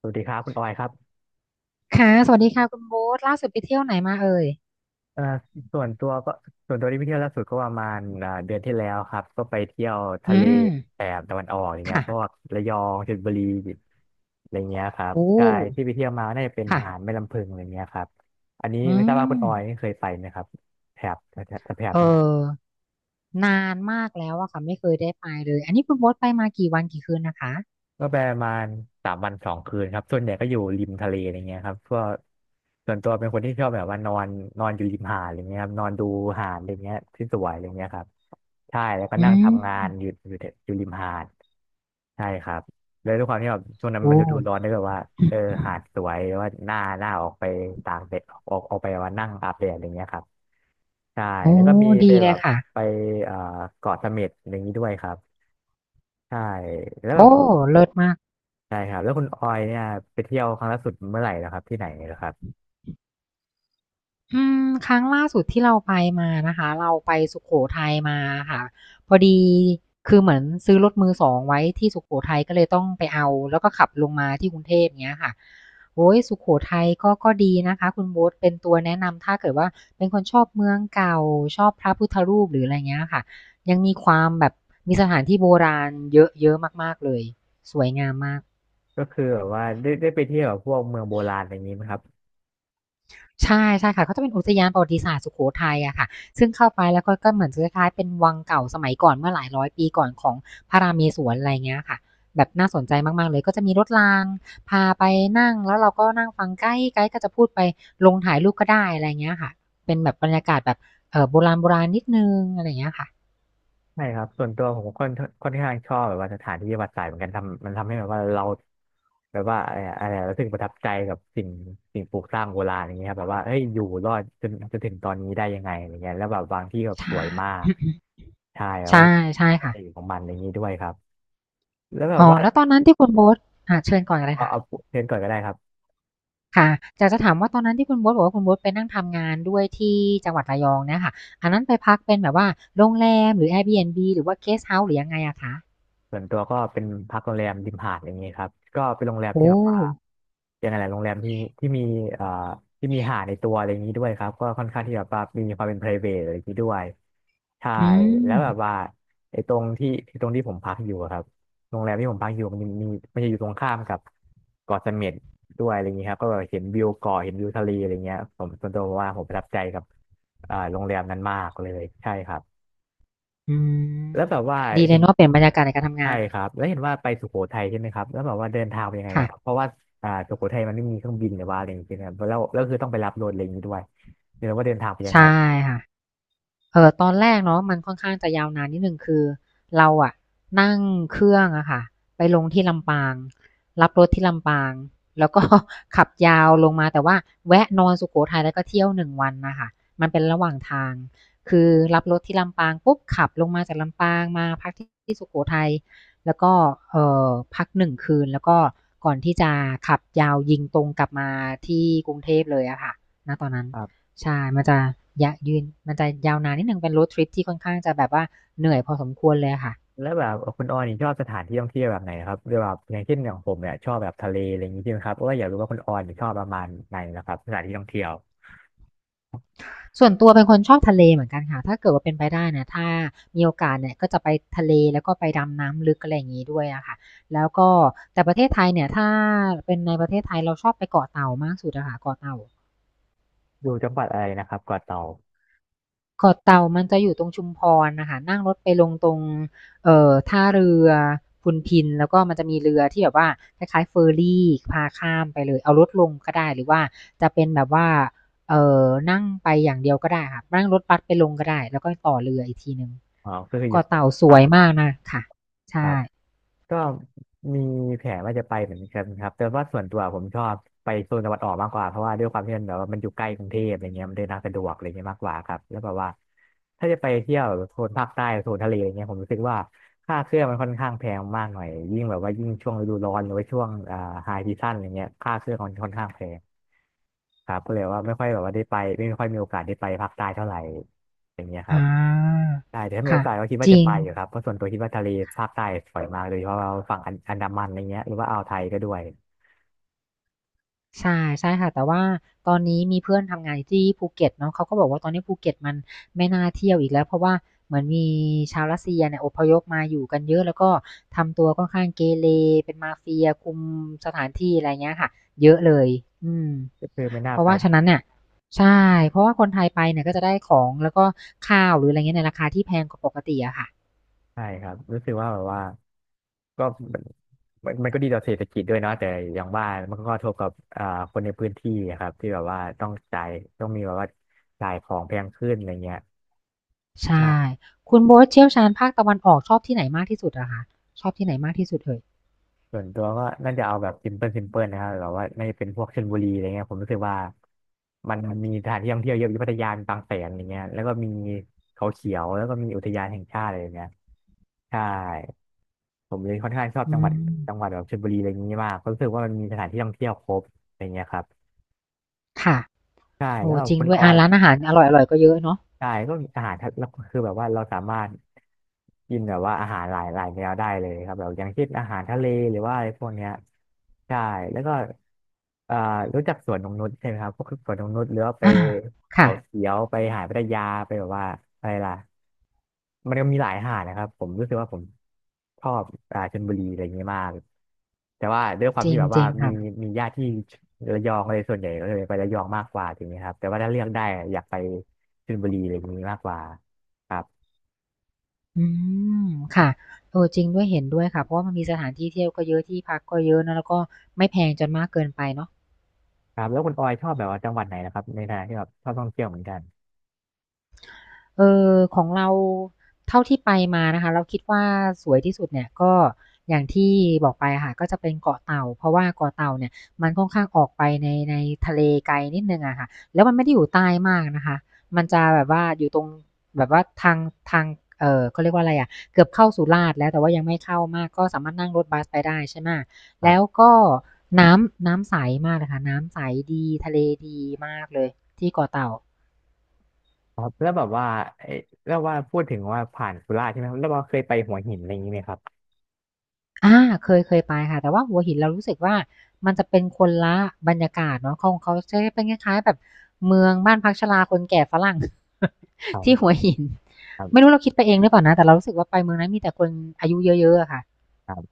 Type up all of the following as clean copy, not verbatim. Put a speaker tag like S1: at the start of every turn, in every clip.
S1: สวัสดีครับคุณออยครับ
S2: ค่ะสวัสดีค่ะคุณโบ๊ทล่าสุดไปเที่ยวไหนมาเอ่ย
S1: เอ่อส่วนตัวก็ส่วนตัวที่ไปเที่ยวล่าสุดก็ประมาณเดือนที่แล้วครับก็ไปเที่ยว
S2: อื
S1: ทะเลแถ
S2: ม
S1: บตะวันออกอย่างเงี้ย
S2: ค่ะ
S1: พวกระยองชลบุรีอะไรเงี้ยครับ
S2: โอ้
S1: ใช่ที่ไปเที่ยวมาน่าจะเป็นหาด
S2: ค่ะ
S1: แม่ลำพึงอะไรเงี้ยครับอันนี้
S2: อื
S1: ไม่ทราบว่าคุณอ
S2: ม
S1: อยนี่เคยไปไหมครับแถบแถบ
S2: เอ
S1: จังหวัด
S2: อ นานมากแล้วอะค่ะไม่เคยได้ไปเลย อันนี้คุณโบ๊ทไปมากี่วันกี่คืนนะคะ
S1: ก็ไปประมาณสามวันสองคืนครับส่วนใหญ่ก็อยู่ริมทะเลอะไรเงี้ยครับเพวกส่วนตัวเป็นคนที่ชอบแบบว่านอนนอนอยู่ริมหาดอะไรเงี้ยครับนอนดูหาดอะไรเงี้ยที่สวยอะไรเงี้ยครับ ใช่แล้วก็
S2: อื
S1: นั่งทำงา
S2: ม
S1: นอยู่แต่อยู่ริมหาดใช่ครับเลยด้วยความที่แบบช่วงนั้น
S2: โอ้
S1: มันฤดูร้อนด้วยแบบว่าเออหาดสวยแล้วว่าหน้าออกไปตากแดดออกไปว่านั่งอาบแดดอะไรเงี้ยครับใช่
S2: โอ้
S1: แล้วโอ้วก็มีไป
S2: ดี
S1: ดี
S2: เล
S1: แบ
S2: ย
S1: บเลบ
S2: ค่ะ
S1: ยไปเอ่อเกาะเสม็ดอะไรอย่างนี้ด้วยครับใช่แล้วแบ
S2: โอ้
S1: บ
S2: เลิศมาก
S1: ใช่ครับแล้วคุณออยเนี่ยไปเที่ยวครั้งล่าสุดเมื่อไหร่นะครับที่ไหนนะครับ
S2: อืมครั้งล่าสุดที่เราไปมานะคะเราไปสุโขทัยมาค่ะพอดีคือเหมือนซื้อรถมือสองไว้ที่สุโขทัยก็เลยต้องไปเอาแล้วก็ขับลงมาที่กรุงเทพเงี้ยค่ะโอ้ยสุโขทัยก็ดีนะคะคุณโบ๊ทเป็นตัวแนะนำถ้าเกิดว่าเป็นคนชอบเมืองเก่าชอบพระพุทธรูปหรืออะไรเงี้ยค่ะยังมีความแบบมีสถานที่โบราณเยอะเยอะมากๆเลยสวยงามมาก
S1: ก็คือแบบว่าได้ไปเที่ยวแบบพวกเมืองโบราณอะไรอย่างนี้ไหมครับ
S2: ใช่ใช่ค่ะเขาจะเป็นอุทยานประวัติศาสตร์สุโขทัยอะค่ะซึ่งเข้าไปแล้วก็เหมือนจะคล้ายๆเป็นวังเก่าสมัยก่อนเมื่อหลายร้อยปีก่อนของพระราเมศวรอะไรเงี้ยค่ะแบบน่าสนใจมากๆเลยก็จะมีรถรางพาไปนั่งแล้วเราก็นั่งฟังไกด์ก็จะพูดไปลงถ่ายรูปก็ได้อะไรเงี้ยค่ะเป็นแบบบรรยากาศแบบเออโบราณๆนิดนึงอะไรเงี้ยค่ะ
S1: ใช่ครับส่วนตัวผมก็ค่อนข้างชอบแบบว่าสถานที่ประวัติศาสตร์เหมือนกันทำมันทำให้แบบว่าเราแบบว่าอะไรอะอะไรอะรู้สึกประทับใจกับสิ่งปลูกสร้างโบราณอย่างเงี้ยครับแบบว่าเอ้ยอยู่รอดจนถึงตอนนี้ได้ยังไงอย่างเงี้ยแล้วแบบบางที่แบบส
S2: ใช่
S1: วยมากใช่แล้ วก็
S2: ใช่ใช่ค่ะ
S1: เอกของมันอย่างนี้ด้วยครับแล้วแบบ
S2: อ๋อ
S1: ว่า
S2: แล้วตอนนั้นที่คุณโบ๊ทอ่าเชิญก่อนเลย
S1: เอา
S2: ค่ะ
S1: เอาเชิญก่อนก็ได้ครับ
S2: ค่ะอยากจะถามว่าตอนนั้นที่คุณโบ๊ทบอกว่าคุณโบ๊ทไปนั่งทำงานด้วยที่จังหวัดระยองเนี่ยค่ะอันนั้นไปพักเป็นแบบว่าโรงแรมหรือ Airbnb หรือว่า Guest House หรือยังไงอะคะ
S1: ส่วนตัวก็เป็นพักโรงแรมริมหาดอย่างนี้ครับก็เป็นโรงแรม
S2: โอ้
S1: ที่แบบว่ายังไงแหละโรงแรมที่มีเอ่อที่มีหาดในตัวอะไรอย่างนี้ด้วยครับก็ค่อนข้างที่แบบว่ามีความเป็น private อะไรอย่างนี้ด้วยใช่
S2: อื
S1: แล้ว
S2: ม
S1: แบบว่าไอ้ตรงที่ที่ตรงที่ผมพักอยู่อะครับโรงแรมที่ผมพักอยู่มันจะอยู่ตรงข้ามกับเกาะเสม็ดด้วยอะไรอย่างนี้ครับก็แบบเห็นวิวเกาะเห็นวิวทะเลอะไรเงี้ยผมส่วนตัวว่าผมประทับใจกับเอ่าโรงแรมนั้นมากเลยใช่ครับ
S2: อืม
S1: แล้วแบบว่า
S2: ดีเล
S1: เห็
S2: ย
S1: น
S2: เนาะเปลี่ยนบรรยากาศในการทำ
S1: ใช่
S2: งาน
S1: ครับแล้วเห็นว่าไปสุโขทัยใช่ไหมครับแล้วแบบว่าเดินทางไปนยังไงเหรอครับ
S2: ค่ะ
S1: เพราะว่าสุโขทัยมันไม่มีเครื่องบินหรือว่าอะไรอย่างเงี้ยครับแล้วคือต้องไปรับรถอะไรอย่างงี้ด้วยเดี๋ยวว่าเดินทางไปนยังไง
S2: ใช่
S1: ล่ะครบ
S2: ค่ะ ตอนแรกเนาะมันค่อนข้างจะยาวนานนิดหนึ่งคือเราอะนั่งเครื่องอะค่ะไปลงที่ลำปางรับรถที่ลำปางแล้วก็ ขับยาวลงมาแต่ว่าแวะนอนสุโขทัยแล้วก็เที่ยวหนึ่งวันนะคะมันเป็นระหว่างทางคือรับรถที่ลำปางปุ๊บขับลงมาจากลำปางมาพักที่สุโขทัยแล้วก็เอ่อพักหนึ่งคืนแล้วก็ก่อนที่จะขับยาวยิงตรงกลับมาที่กรุงเทพเลยอะค่ะณตอนนั้น
S1: ครับ
S2: ใช่มันจะยะยืนมันจะยาวนานนิดหนึ่งเป็น road trip ที่ค่อนข้างจะแบบว่าเหนื่อยพอสมควรค่ะ
S1: แล้วแบบคุณออยนี่ชอบสถานที่ท่องเที่ยวแบบไหนครับหรือแบบอย่างเช่นอย่างผมเนี่ยชอบแบบทะเลอะไรอย่างงี้ใช่ไหมครับเพราะว่าอยากรู้ว่าคุณออยนี่ชอบประมาณไหนนะครับสถานที่ท่องเที่ยว
S2: ส่วนตัวเป็นคนชอบทะเลเหมือนกันค่ะถ้าเกิดว่าเป็นไปได้นะถ้ามีโอกาสเนี่ยก็จะไปทะเลแล้วก็ไปดำน้ำลึกอะไรอย่างนี้ด้วยอะค่ะแล้วก็แต่ประเทศไทยเนี่ยถ้าเป็นในประเทศไทยเราชอบไปเกาะเต่ามากสุดอะค่ะเกาะเต่า
S1: อยู่จังหวัดอะไรนะครับเกาะเต่า
S2: เกาะเต่ามันจะอยู่ตรงชุมพรนะคะนั่งรถไปลงตรงท่าเรือพุนพินแล้วก็มันจะมีเรือที่แบบว่าคล้ายคลายเฟอร์รี่พาข้ามไปเลยเอารถลงก็ได้หรือว่าจะเป็นแบบว่าเอ่อนั่งไปอย่างเดียวก็ได้ค่ะนั่งรถบัสไปลงก็ได้แล้วก็ต่อเรืออีกทีหนึ่ง
S1: อ๋อก็คืออยู่
S2: เกาะ
S1: สุโ
S2: เต่าส
S1: ข
S2: วย
S1: ทั
S2: มา
S1: ย
S2: กนะค่ะ
S1: ครั
S2: ใช่
S1: บ ก็มีแผนว่าจะไปเหมือนกันครับแต่ว่าส่วนตัวผมชอบไปโซนตะวันออกมากกว่าเพราะว่าด้วยความที่มันแบบว่ามันอยู่ใกล้กรุงเทพอะไรเงี้ยมันเดินทางสะดวกอะไรเงี้ยมากกว่าครับแล้วแบบว่าถ้าจะไปเที่ยวโซนภาคใต้โซนทะเลอะไรเงี้ยผมรู้สึกว่าค่าเครื่องมันค่อนข้างแพงมากหน่อยยิ่งแบบว่ายิ่งช่วงฤดูร้อนหรือว่าช่วงไฮซีซั่นอะไรเงี้ยค่าเครื่องมันค่อนข้างแพง ครับก็เลยว่าไม่ค่อยแบบว่าได้ไปไม่ค่อยมีโอกาสได้ไปภาคใต้เท่าไหร่อย่างเงี้ยครั
S2: อา
S1: บใช่แต่ถ้ามีโอ
S2: ค่ะ
S1: กาสก็คิด
S2: จ
S1: ว่าจะ
S2: ริ
S1: ไป
S2: ง
S1: อยู่ครับเพราะส่วนตัวคิดว่าทะเลภาคใต้สวยมากโดยเฉพาะว่าฝั่งอันดามันอะไรเงี้ยหรือว่าอ่าวไทยก็ด้วย
S2: ใช่ใช่ค่ะแต่ว่าตอนนี้มีเพื่อนทำงานอยู่ที่ภูเก็ตเนาะเขาก็บอกว่าตอนนี้ภูเก็ตมันไม่น่าเที่ยวอีกแล้วเพราะว่าเหมือนมีชาวรัสเซียเนี่ยอพยพมาอยู่กันเยอะแล้วก็ทำตัวค่อนข้างเกเรเป็นมาเฟียคุมสถานที่อะไรเงี้ยค่ะเยอะเลยอืม
S1: ก็คือไม่น่า
S2: เพราะ
S1: ไป
S2: ว่าฉะนั้นเนี่ยใช่เพราะว่าคนไทยไปเนี่ยก็จะได้ของแล้วก็ข้าวหรืออะไรเงี้ยในราคาที่แพงกว่าปกติอะค่ะ
S1: ใช่ครับรู้สึกว่าแบบว่าก็มมันก็ดีต่อเศรษฐกิจด้วยเนาะแต่อย่างว่ามันก็กระทบกับคนในพื้นที่อะครับที่แบบว่าต้องจ่ายต้องมีแบบว่าจ่ายของแพงขึ้นอะไรเงี้ย
S2: ใช่คุณโบ๊ทเชี่ยวชาญภาคตะวันออกชอบที่ไหนมากที่สุดอะคะชอบที่ไหนมากที่สุดเอ่ย
S1: ส่วนตัวก็น่าจะเอาแบบซิมเพิลนะครับแบบว่าน่าจะเป็นพวกชลบุรีอะไรเงี้ยผมรู้สึกว่ามันมีสถานที่ท่องเที่ยวเยอะอยู่พัทยามีบางแสนอย่างเงี้ยแล้วก็มีเขาเขียวแล้วก็มีอุทยานแห่งชาติอะไรอย่างเงี้ยใช่ผมเลยค่อนข้างชอบ
S2: อื
S1: จังหวัดจังหวั
S2: ม
S1: ดแบบชลบุรีอะไรอย่างงี้มากเพราะรู้สึกว่ามันมีสถานที่ท่องเที่ยวครบอะไรเงี้ยครับ
S2: ค่ะ
S1: ใช่
S2: โอ้
S1: แล้วก็
S2: จริง
S1: คุณ
S2: ด้ว
S1: อ
S2: ย
S1: อ
S2: อ่า
S1: ย
S2: ร้านอาหารอร่อยๆก็เยอะเนาะ
S1: ใช่ก็อาหารทะแล้วคือแบบว่าเราสามารถกินแบบว่าอาหารหลายหลายแนวได้เลยครับแบบอย่างเช่นอาหารทะเลหรือว่าอะไรพวกเนี้ยใช่แล้วก็เอ่อรู้จักสวนนงนุชใช่ไหมครับพวกสวนนงนุชหรือว่าไป
S2: อาค่ะ
S1: เขาเขียวไปหาดพัทยาไปแบบว่าอะไรล่ะมันก็มีหลายหาดนะครับผมรู้สึกว่าผมชอบชลบุรีอะไรอย่างเงี้ยมากแต่ว่าด้วยความ
S2: จริ
S1: ที่
S2: ง
S1: แบบ
S2: จ
S1: ว่า
S2: ริง
S1: มี
S2: ค่ะ
S1: มีญาติที่ระยองเลยส่วนใหญ่ก็เลยไประยองมากกว่าอย่างเงี้ยครับแต่ว่าถ้าเลือกได้อยากไป ชลบุรีอะไรพวกนี้มากกว่าครับ
S2: อืมค่ะเออจริงด้วยเห็นด้วยค่ะเพราะว่ามันมีสถานที่เที่ยวก็เยอะที่พักก็เยอะนะแล้วก็ไม่แพงจนมากเกินไปเนาะ
S1: ครับแล้วคุณออยชอบแบบว่าจังหวัดไหนนะครับในฐานะที่แบบชอบท่องเที่ยวเหมือนกัน
S2: เออของเราเท่าที่ไปมานะคะเราคิดว่าสวยที่สุดเนี่ยก็อย่างที่บอกไปอะค่ะก็จะเป็นเกาะเต่าเพราะว่าเกาะเต่าเนี่ยมันค่อนข้างออกไปในทะเลไกลนิดนึงอะค่ะแล้วมันไม่ได้อยู่ใต้มากนะคะมันจะแบบว่าอยู่ตรงแบบว่าทางทางเออเขาเรียกว่าอะไรอะเกือบเข้าสุราษฎร์แล้วแต่ว่ายังไม่เข้ามากก็สามารถนั่งรถบัสไปได้ใช่ไหม
S1: ค
S2: แล้ว
S1: รับ
S2: ก็น้ำใสมากเลยค่ะน้ำใสดีทะเลดีมากเลยที่เกาะเต่า
S1: ครับแล้วแบบว่าเอ้แล้วว่าพูดถึงว่าผ่านสุราษฎร์ใช่ไหมครับแล้วว่าเคยไปหัวหินอะไรอย่างนี้ไหมครับ
S2: อาเคยเคยไปค่ะแต่ว่าหัวหินเรารู้สึกว่ามันจะเป็นคนละบรรยากาศเนาะของเขาจะเป็นคล้ายๆแบบเมืองบ้านพักชราคนแก่ฝรั่ง
S1: ครั
S2: ที่หัว
S1: บ
S2: หิน
S1: คร
S2: ไม่รู้เราคิดไปเองหรือเปล่านะแต่เรารู้สึกว่าไปเมืองนั้นมีแต่คนอายุเยอะๆอะค่ะ
S1: ับ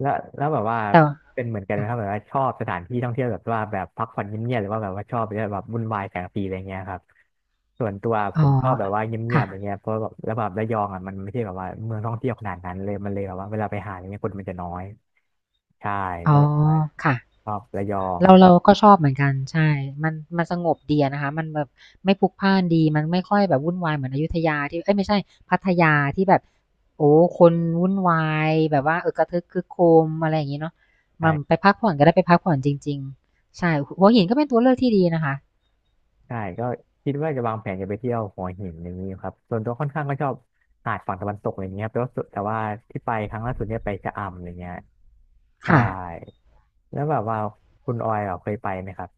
S1: แล้วแบบว่า
S2: แต่ว่า
S1: เป็นเหมือนกันไหม
S2: ค่ะ
S1: ครับแบบว่าชอบสถานที่ท่องเที่ยวแบบว่าแบบพักผ่อนเงียบๆหรือว่าแบบว่าชอบแบบวุ่นวายแสงสีอะไรเงี้ยครับส่วนตัวผ
S2: อ๋อ
S1: มชอบแบบว่าเงียบ
S2: ค่ะ
S1: ๆอะไรเงี้ยเพราะแบบแล้วแบบระยองอ่ะมันไม่ใช่แบบว่าเมืองท่องเที่ยวขนาดนั้นเลยมันเลยแบบว่าเวลาไปหาอะไรเงี้ยคนมันจะน้อยใช่ก็
S2: อ๋อ
S1: เลยว่า
S2: ค่ะ
S1: ชอบระยอง
S2: เราก็ชอบเหมือนกันใช่มันสงบดีอะนะคะมันแบบไม่พลุกพล่านดี มันไม่ค่อยแบบวุ่นวายเหมือนอยุธยาที่เอ้ยไม่ใช่พัทยาที่แบบโอ้คนวุ่นวายแบบว่ากระทึกครึกโครมอะไรอย่างงี้เนาะ
S1: ใช่
S2: มันไปพักผ่อนก็ได้ไปพักผ่อนจริงๆใช่หัวหินก็เป็นตัวเลือกที่ดีนะคะ
S1: ใช่ก็คิดว่าจะวางแผนจะไปเที่ยวหัวหินอย่างนี้ครับส่วนตัวค่อนข้างก็ชอบหาดฝั่งตะวันตกอะไรเงี้ยครับแต่ว่าที่ไปครั้งล่าสุดเนี่ยไปชะอำอะไรเงี้ยใช่
S2: ค่ะ
S1: แล้วแบบว่าคุณออยแบบเคยไปไหมครับ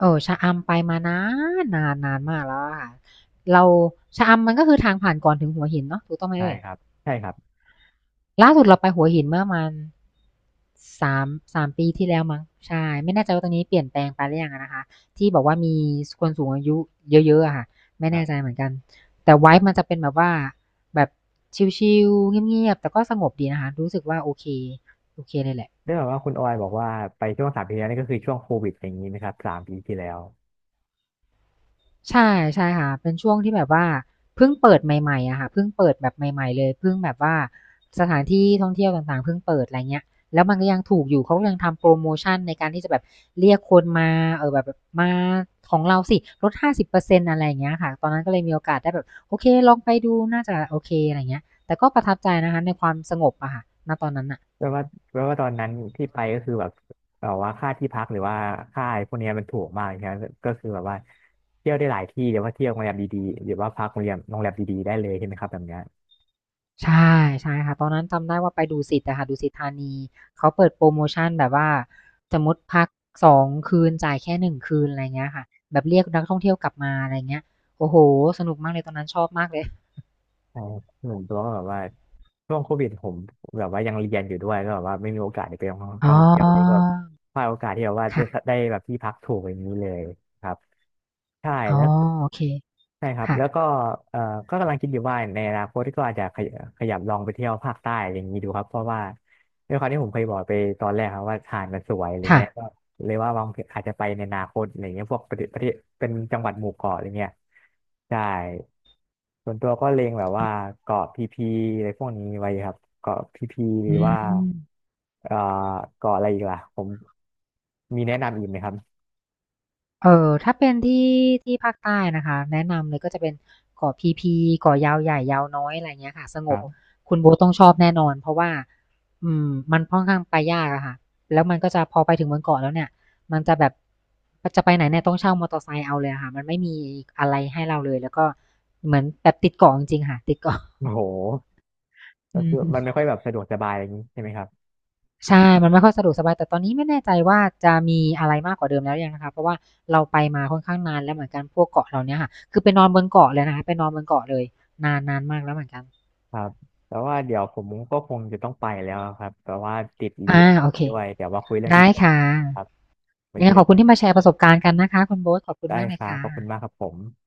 S2: ชะอำไปมานานนานนานมากแล้วอะค่ะเราชะอำมันก็คือทางผ่านก่อนถึงหัวหินเนาะถูกต้องไหม
S1: ใช่
S2: เอ่ย
S1: ครับใช่ครับ
S2: ล่าสุดเราไปหัวหินเมื่อมานสามสามปีที่แล้วมั้งใช่ไม่แน่ใจว่าตรงนี้เปลี่ยนแปลงไปหรือยังอะนะคะที่บอกว่ามีคนสูงอายุเยอะๆอะค่ะไม่
S1: ครั
S2: แน่ใจ
S1: บ
S2: เหมือนกันแต่ไว้มันจะเป็นแบบว่าแบบชิลๆเงียบๆแต่ก็สงบดีนะคะรู้สึกว่าโอเคโอเคเลยแหละ
S1: ได้แบบว่าคุณออยบอกว่าไปช่วงสามปีที่แล้วนี่ก็คือช่วงโควิดอย่างนี้ไหมครับสามปีที่แล้ว
S2: ใช่ใช่ค่ะเป็นช่วงที่แบบว่าเพิ่งเปิดใหม่ๆอะค่ะเพิ่งเปิดแบบใหม่ๆเลยเพิ่งแบบว่าสถานที่ท่องเที่ยวต่างๆเพิ่งเปิดอะไรเงี้ยแล้วมันก็ยังถูกอยู่เขาก็ยังทำโพรโมชันในการที่จะแบบเรียกคนมาแบบมาของเราสิลด50%อร์เซ็นต์อะไรอย่างเงี้ยค่ะตอนนั้นก็เลยมีโอกาสได้แบบโอเคลองไปดูน่าจะโอเคอะไรเงี้ยแต่ก็ประทับใจนะคะในความสงบอะค่ะณตอนนั้นน่ะ
S1: แปลว่าแปลว่าตอนนั้นที่ไปก็คือแบบแบบว่าค่าที่พักหรือว่าค่าพวกเนี้ยมันถูกมากใช่ไหมก็คือแบบว่าเที่ยวได้หลายที่เดี๋ยวว่าเที่ยวโรงแรมดีๆเดี๋ยวว่าพักโรงแรมดีๆได้เลยใช่ไหมครับแบบเนี้ย
S2: ใช่ใช่ค่ะตอนนั้นจำได้ว่าไปดุสิตอะค่ะดุสิตธานีเขาเปิดโพรโมชันแบบว่าสมมุติพัก2 คืนจ่ายแค่1 คืนอะไรเงี้ยค่ะแบบเรียกนักท่องเที่ยวกลับมาอะไรเงี้ยโอ้โฮสนุกมากเลยตอนนั้นชอบมากเลย
S1: ใช่ครับหนึ่งตัวก็แบบว่าช่วงโควิดผมแบบว่ายังเรียนอยู่ด้วยก็แบบว่าไม่มีโอกาสได้ไป
S2: อ๋
S1: ท่อ
S2: อ
S1: งเที่ยวเลยก็พลาดโอกาสที่แบบว่าจะ
S2: ค่ะ
S1: ได้แบบที่พักถูกอย่างนี้เลยครับใช่
S2: อ๋อ
S1: แล้ว
S2: โอเค
S1: ใช่ครับ
S2: ค่ะ
S1: แล้วก็เอ่อก็กำลังคิดอยู่ว่าในอนาคตก็อาจจะขยขยับลองไปเที่ยวภาคใต้ออย่างนี้ดูครับเพราะว่าด้วยความที่ผมเคยบอกไปตอนแรกครับว่าหาดมันสวยอะไร
S2: ค่ะ
S1: เงี้ยก็เลยว่าวางแผนอาจจะไปในอนาคตอะไรเงี้ยพวกประเทศเป็นจังหวัดหมู่เกาะอะไรเงี้ยใช่ส่วนตัวก็เล็งแบบว่าเกาะพีพีอะไรพวกนี้ไว้ครับเกาะพีพีห
S2: อื
S1: รือ
S2: ม
S1: ว่าเอ่อเกาะอะไรอีกล่ะผมมีแนะนำอีกไหมครับ
S2: ถ้าเป็นที่ที่ภาคใต้นะคะแนะนำเลยก็จะเป็นเกาะพีพีเกาะยาวใหญ่ยาวน้อยอะไรอย่างเงี้ยค่ะสง
S1: ครั
S2: บ
S1: บ
S2: คุณโบ๊ทต้องชอบแน่นอนเพราะว่าอืมมันค่อนข้างไปยากอะค่ะแล้วมันก็จะพอไปถึงบนเกาะแล้วเนี่ยมันจะแบบจะไปไหนเนี่ยต้องเช่ามอเตอร์ไซค์เอาเลยอะค่ะมันไม่มีอะไรให้เราเลยแล้วก็เหมือนแบบติดเกาะจริงๆค่ะติดเกาะ
S1: โอ้โห ก็
S2: อื
S1: คือมันไม่
S2: ม
S1: ค่อยแบบสะดวกสบายอะไรอย่างนี้ใช่ไหมครับ
S2: ใช่มันไม่ค่อยสะดวกสบายแต่ตอนนี้ไม่แน่ใจว่าจะมีอะไรมากกว่าเดิมแล้วหรือยังนะคะเพราะว่าเราไปมาค่อนข้างนานแล้วเหมือนกันพวกเกาะเหล่าเนี้ยค่ะคือไปนอนบนเกาะเลยนะคะไปนอนบนเกาะเลย
S1: ครับแต่ว่าเดี๋ยวผมก็คงจะต้องไปแล้วครับแต่ว่าติดเรี
S2: อา
S1: ยน
S2: โอเค
S1: ด้วยเดี๋ยวมาคุยเรื่อง
S2: ได้
S1: ที่เรียนกัน
S2: ค่ะ
S1: ครับไว้
S2: ยัง
S1: เจ
S2: ไง
S1: อ
S2: ขอบคุ
S1: กั
S2: ณ
S1: น
S2: ที่มาแชร์ประสบการณ์กันนะคะคุณโบ๊ทขอบคุณ
S1: ได้
S2: มากเล
S1: ค
S2: ย
S1: รับ
S2: ค่ะ
S1: ขอบคุณมากครับผม